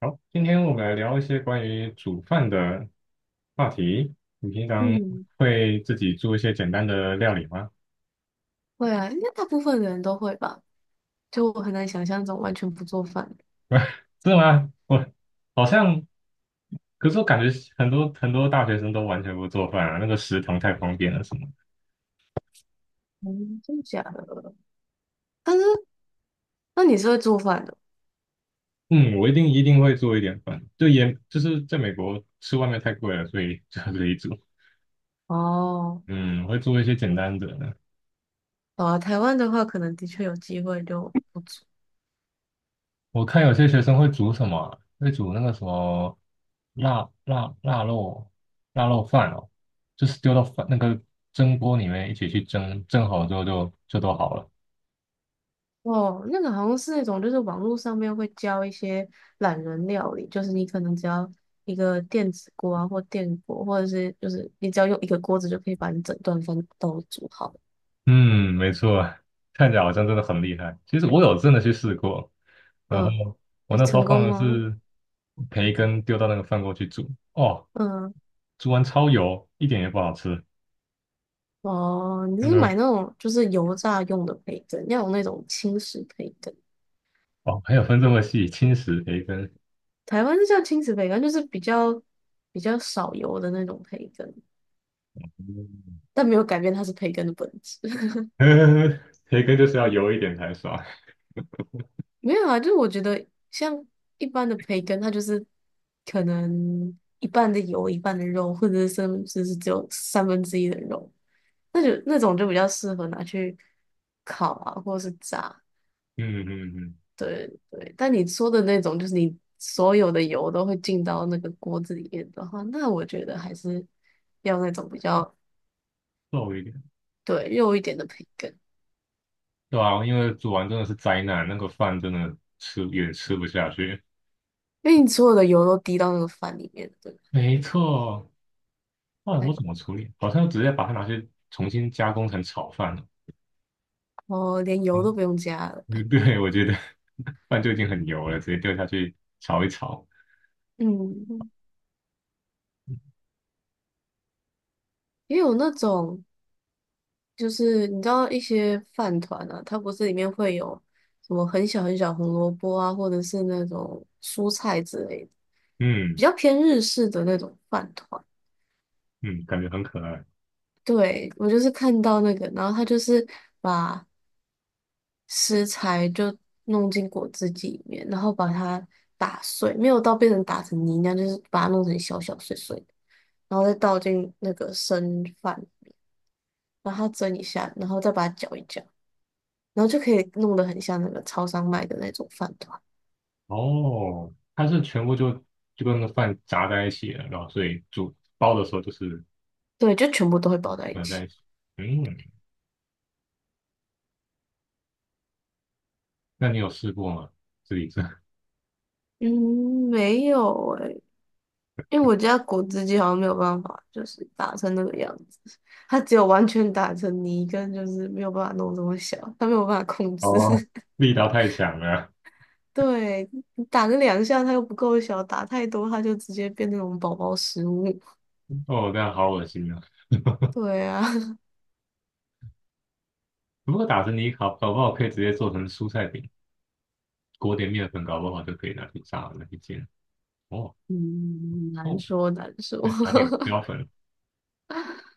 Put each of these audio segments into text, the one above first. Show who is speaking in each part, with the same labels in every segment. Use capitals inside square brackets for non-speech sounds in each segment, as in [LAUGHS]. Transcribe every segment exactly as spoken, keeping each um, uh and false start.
Speaker 1: 好，今天我们来聊一些关于煮饭的话题。你平常
Speaker 2: 嗯，
Speaker 1: 会自己做一些简单的料理吗？
Speaker 2: 会啊，应该大部分人都会吧。就我很难想象这种完全不做饭的。
Speaker 1: [LAUGHS] 真的吗？我好像，可是我感觉很多很多大学生都完全不做饭啊，那个食堂太方便了什么的。
Speaker 2: 嗯，真的假的？但是，那你是会做饭的？
Speaker 1: 嗯，我一定一定会做一点饭，就也就是在美国吃外面太贵了，所以 [LAUGHS] 就自己煮。
Speaker 2: 哦，
Speaker 1: 嗯，我会做一些简单的。
Speaker 2: 好啊，台湾的话，可能的确有机会就不做。
Speaker 1: 我看有些学生会煮什么，会煮那个什么腊腊腊肉腊肉饭哦，就是丢到饭那个蒸锅里面一起去蒸，蒸好之后就就都好了。
Speaker 2: 哦，那个好像是那种，就是网络上面会教一些懒人料理，就是你可能只要一个电子锅啊，或电锅，或者是就是你只要用一个锅子就可以把你整顿饭都煮好。
Speaker 1: 嗯，没错，看起来好像真的很厉害。其实我有真的去试过，然后
Speaker 2: 嗯，
Speaker 1: 我那时候
Speaker 2: 成
Speaker 1: 放
Speaker 2: 功
Speaker 1: 的
Speaker 2: 吗？
Speaker 1: 是培根丢到那个饭锅去煮，哦，
Speaker 2: 嗯。
Speaker 1: 煮完超油，一点也不好吃。
Speaker 2: 哦，你
Speaker 1: 那
Speaker 2: 是
Speaker 1: 个
Speaker 2: 买那种就是油炸用的培根，要有那种轻食培根。
Speaker 1: 哦，还有分这么细，轻食培根。
Speaker 2: 台湾是叫轻食培根，就是比较比较少油的那种培根，但没有改变它是培根的本质。[LAUGHS]
Speaker 1: [LAUGHS] 培根就是要油一点才爽。
Speaker 2: 没有啊，就是我觉得像一般的培根，它就是可能一半的油，一半的肉，或者是甚至是只有三分之一的肉，那就那种就比较适合拿去烤啊，或者是炸。
Speaker 1: 嗯嗯嗯，
Speaker 2: 对对，但你说的那种，就是你所有的油都会进到那个锅子里面的话，那我觉得还是要那种比较
Speaker 1: 瘦一点，
Speaker 2: 对肉一点的培根，
Speaker 1: 对啊，因为煮完真的是灾难，那个饭真的吃也吃不下去。
Speaker 2: 因为你所有的油都滴到那个饭里面，对吧，
Speaker 1: 没错，后来
Speaker 2: 哎
Speaker 1: 我
Speaker 2: 呦，
Speaker 1: 怎么处理？好像直接把它拿去重新加工成炒饭了。
Speaker 2: 哦，连
Speaker 1: 啊，
Speaker 2: 油都不用加了。
Speaker 1: 嗯对，我觉得 [LAUGHS] 饭就已经很油了，直接丢下去炒一炒。
Speaker 2: 嗯，也有那种就是你知道一些饭团啊，它不是里面会有什么很小很小红萝卜啊，或者是那种蔬菜之类的，
Speaker 1: 嗯
Speaker 2: 比较偏日式的那种饭团。
Speaker 1: 嗯，感觉很可爱。
Speaker 2: 对，我就是看到那个，然后他就是把食材就弄进果汁机里面，然后把它打碎，没有到变成打成泥那样，就是把它弄成小小碎碎的，然后再倒进那个生饭，然后它蒸一下，然后再把它搅一搅，然后就可以弄得很像那个超商卖的那种饭团。
Speaker 1: 哦，它是全部就就跟那个饭炸在一起了，然后所以煮包的时候就是
Speaker 2: 对，就全部都会包在一
Speaker 1: 混
Speaker 2: 起。
Speaker 1: 在一起。嗯，那你有试过吗？自己做？
Speaker 2: 嗯，没有欸因为我家果汁机好像没有办法，就是打成那个样子，它只有完全打成泥，跟就是没有办法弄这么小，它没有办法控制。
Speaker 1: 哦，
Speaker 2: [LAUGHS]
Speaker 1: 力道太强了。
Speaker 2: 对，你打个两下它又不够小，打太多它就直接变那种宝宝食物。
Speaker 1: 哦，这样好恶心啊！
Speaker 2: 对啊，
Speaker 1: 如果打成泥搞，搞不好可以直接做成蔬菜饼，裹点面粉，搞不好就可以拿去炸了，拿去煎。哦，
Speaker 2: [LAUGHS]
Speaker 1: 不
Speaker 2: 嗯，难
Speaker 1: 错，
Speaker 2: 说难说，
Speaker 1: 再撒点标粉。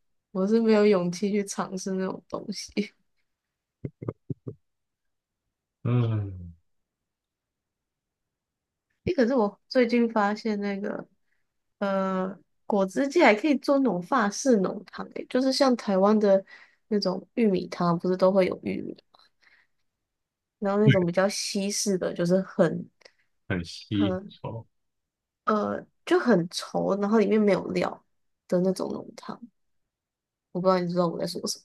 Speaker 2: [LAUGHS] 我是没有勇气去尝试那种东西。
Speaker 1: 嗯，
Speaker 2: 诶，可是我最近发现那个，呃，果汁界还可以做那种法式浓汤，诶，就是像台湾的那种玉米汤，不是都会有玉米，然后那种比较西式的，就是很
Speaker 1: 很稀
Speaker 2: 很
Speaker 1: 稠。
Speaker 2: 呃就很稠，然后里面没有料的那种浓汤，我不知道你知道我在说什么，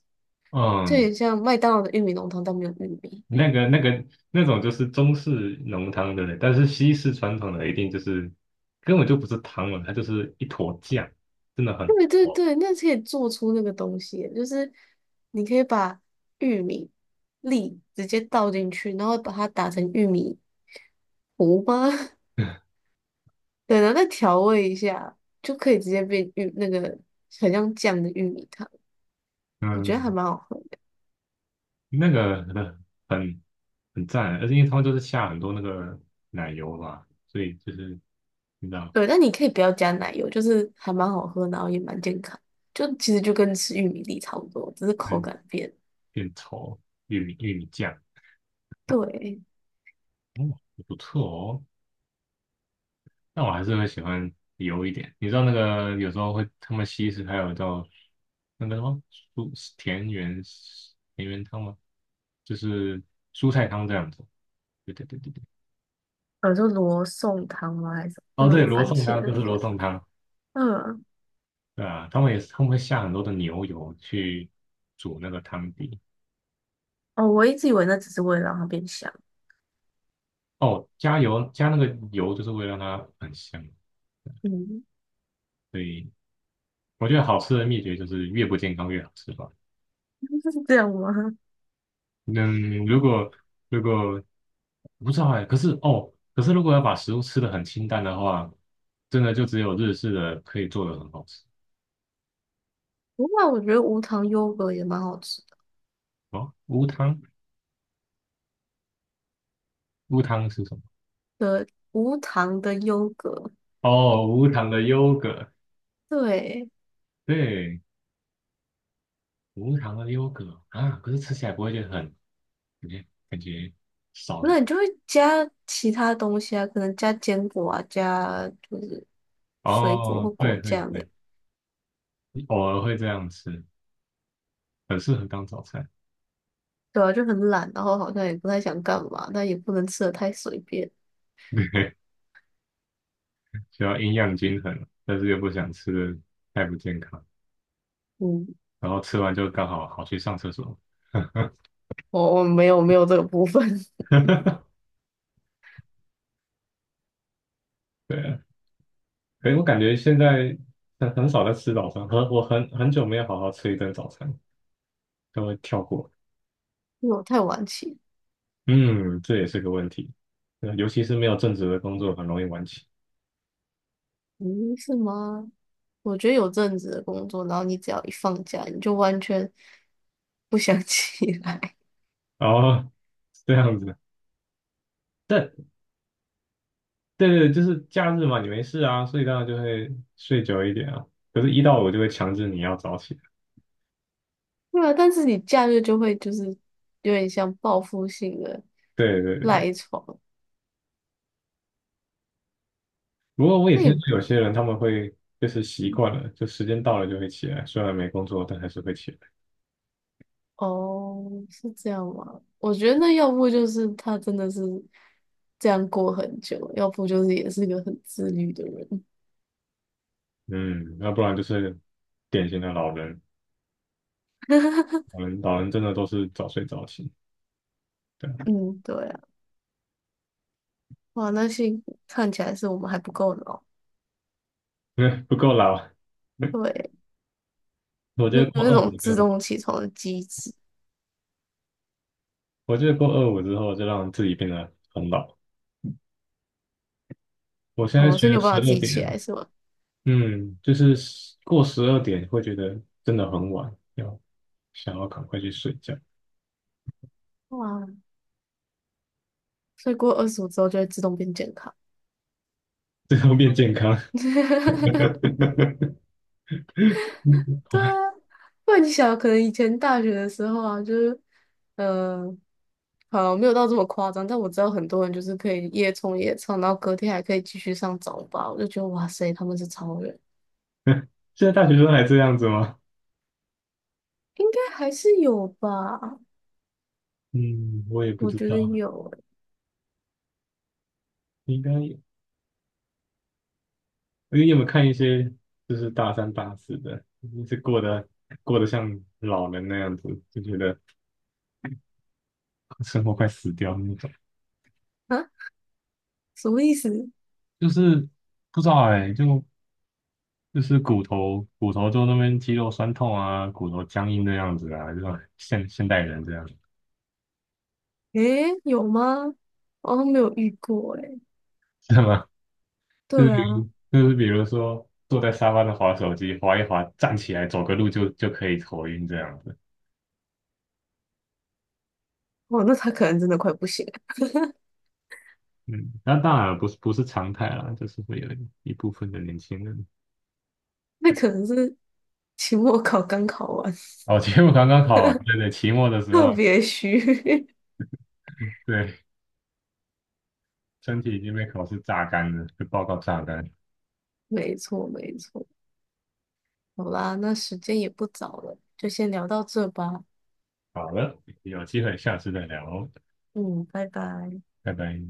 Speaker 2: 就有
Speaker 1: 嗯，
Speaker 2: 点像麦当劳的玉米浓汤，但没有玉米。
Speaker 1: 那个、那个、那种就是中式浓汤，对不对？但是西式传统的一定就是根本就不是汤了，它就是一坨酱，真的很
Speaker 2: 对对
Speaker 1: 稠。
Speaker 2: 对，那可以做出那个东西，就是你可以把玉米粒直接倒进去，然后把它打成玉米糊吗？[LAUGHS] 对，然后再调味一下，就可以直接变玉那个很像酱的玉米汤，我觉得还
Speaker 1: 嗯，
Speaker 2: 蛮好喝的。
Speaker 1: 那个很很很赞，而且因为他们就是下很多那个奶油嘛，所以就是你知道。
Speaker 2: 对，但你可以不要加奶油，就是还蛮好喝，然后也蛮健康，就其实就跟吃玉米粒差不多，只是口感变。
Speaker 1: 变稠，玉米、玉米酱，
Speaker 2: 对，
Speaker 1: 哦，不错哦。但我还是会喜欢油一点。你知道那个有时候会他们西式还有叫那个什么蔬田园田园汤吗？就是蔬菜汤这样子。对对对对对。
Speaker 2: 呃，就罗宋汤吗？还是那
Speaker 1: 哦，对，
Speaker 2: 种
Speaker 1: 罗
Speaker 2: 番
Speaker 1: 宋
Speaker 2: 茄
Speaker 1: 汤
Speaker 2: 的
Speaker 1: 就是
Speaker 2: 那
Speaker 1: 罗
Speaker 2: 个？
Speaker 1: 宋汤，
Speaker 2: 嗯
Speaker 1: 对啊，他们也是他们会下很多的牛油去煮那个汤底。
Speaker 2: 哦，我一直以为那只是为了让它变香，
Speaker 1: 哦，加油加那个油就是为了让它很香，
Speaker 2: 嗯，
Speaker 1: 所以我觉得好吃的秘诀就是越不健康越好吃吧。
Speaker 2: [LAUGHS] 是这样吗？
Speaker 1: 嗯，如果如果不知道哎，可是哦，可是如果要把食物吃的很清淡的话，真的就只有日式的可以做的很好吃。
Speaker 2: 不过我觉得无糖优格也蛮好吃的，
Speaker 1: 哦，无糖，无糖是什么？
Speaker 2: 对无糖的优格，
Speaker 1: 哦，无糖的优格，
Speaker 2: 对，
Speaker 1: 对，无糖的优格啊，可是吃起来不会觉得很感觉感觉少了
Speaker 2: 那
Speaker 1: 什
Speaker 2: 你就会加其他东西啊，可能加坚果啊，加就是
Speaker 1: 么
Speaker 2: 水果或
Speaker 1: 哦，对
Speaker 2: 果
Speaker 1: 对
Speaker 2: 酱的，
Speaker 1: 对，偶尔会这样吃，很适合当早餐。
Speaker 2: 对啊，就很懒，然后好像也不太想干嘛，但也不能吃的太随便，
Speaker 1: [LAUGHS] 需要营养均衡，但是又不想吃的太不健康。
Speaker 2: 嗯，
Speaker 1: 然后吃完就刚好好去上厕所。
Speaker 2: 我我没有没有这个部分，[LAUGHS]
Speaker 1: [LAUGHS] 对啊，可是我感觉现在很很少在吃早餐，很我很很久没有好好吃一顿早餐，都会跳过。
Speaker 2: 因为我太晚起。
Speaker 1: 嗯，这也是个问题，呃尤其是没有正职的工作，很容易晚起。
Speaker 2: 嗯，是吗？我觉得有阵子的工作，然后你只要一放假，你就完全不想 [LAUGHS] 起来。
Speaker 1: 哦，是这样子，但对对，就是假日嘛，你没事啊，所以当然就会睡久一点啊。可是，一到我就会强制你要早起。
Speaker 2: 对啊，但是你假日就会就是有点像报复性的
Speaker 1: 对对对，
Speaker 2: 赖床。
Speaker 1: 不过我也
Speaker 2: 那
Speaker 1: 听说
Speaker 2: 也
Speaker 1: 有些人他们会就是习惯了，就时间到了就会起来，虽然没工作，但还是会起来。
Speaker 2: 哦，是这样吗？我觉得那要不就是他真的是这样过很久，要不就是也是个很自律的人。
Speaker 1: 嗯，要不然就是典型的老人，老人老人真的都是早睡早起，对啊。
Speaker 2: 嗯，对啊，哇，那幸看起来是我们还不够老，
Speaker 1: [LAUGHS] 因为不够老。[LAUGHS]
Speaker 2: 对，
Speaker 1: 我
Speaker 2: 没
Speaker 1: 觉
Speaker 2: 有
Speaker 1: 得过
Speaker 2: 那
Speaker 1: 二
Speaker 2: 种
Speaker 1: 五
Speaker 2: 自
Speaker 1: 就，
Speaker 2: 动起床的机制。
Speaker 1: 我觉得过二五之后就让自己变得很老。我现在
Speaker 2: 哦，
Speaker 1: 学
Speaker 2: 所以你
Speaker 1: 了
Speaker 2: 有办
Speaker 1: 十
Speaker 2: 法自
Speaker 1: 二
Speaker 2: 己起
Speaker 1: 点，
Speaker 2: 来是吗？
Speaker 1: 嗯，就是十过十二点会觉得真的很晚，要想要赶快去睡觉，
Speaker 2: 哇，所以过二十五之后就会自动变健康。
Speaker 1: 最后变健康。[LAUGHS]
Speaker 2: 对啊，不然你想，可能以前大学的时候啊，就是，呃，好，没有到这么夸张，但我知道很多人就是可以夜冲夜唱，然后隔天还可以继续上早八，我就觉得哇塞，他们是超人，
Speaker 1: 现在大学生还这样子吗？
Speaker 2: 应该还是有吧？
Speaker 1: 嗯，我也不
Speaker 2: 我
Speaker 1: 知
Speaker 2: 觉得
Speaker 1: 道，
Speaker 2: 有
Speaker 1: 应该你有没有看一些就是大三大四的，就是过得过得像老人那样子，就觉得生活快死掉那种，
Speaker 2: 欸，啊，什么意思？
Speaker 1: 就是不知道哎、就就是骨头骨头就那边肌肉酸痛啊，骨头僵硬的样子啊，这种现现代人这样。
Speaker 2: 诶，有吗？我好像没有遇过诶。
Speaker 1: [LAUGHS] 是吗？就是
Speaker 2: 对啊，
Speaker 1: 比就是比如说坐在沙发上划手机，划一划站起来走个路就就可以头晕这样子。
Speaker 2: 哇，那他可能真的快不行了，
Speaker 1: 嗯，那当然不是不是常态啦，就是会有一部分的年轻人。
Speaker 2: 那可能是。[LAUGHS] 期末考刚考完，
Speaker 1: [LAUGHS] 哦，期末刚刚考完，对对，期末的
Speaker 2: [LAUGHS]
Speaker 1: 时
Speaker 2: 特
Speaker 1: 候，
Speaker 2: 别虚。[LAUGHS]
Speaker 1: 对，身体已经被考试榨干了，被报告榨干。
Speaker 2: 没错，没错。好啦，那时间也不早了，就先聊到这吧。
Speaker 1: 好了，有机会下次再聊哦，
Speaker 2: 嗯，拜拜。
Speaker 1: 拜拜。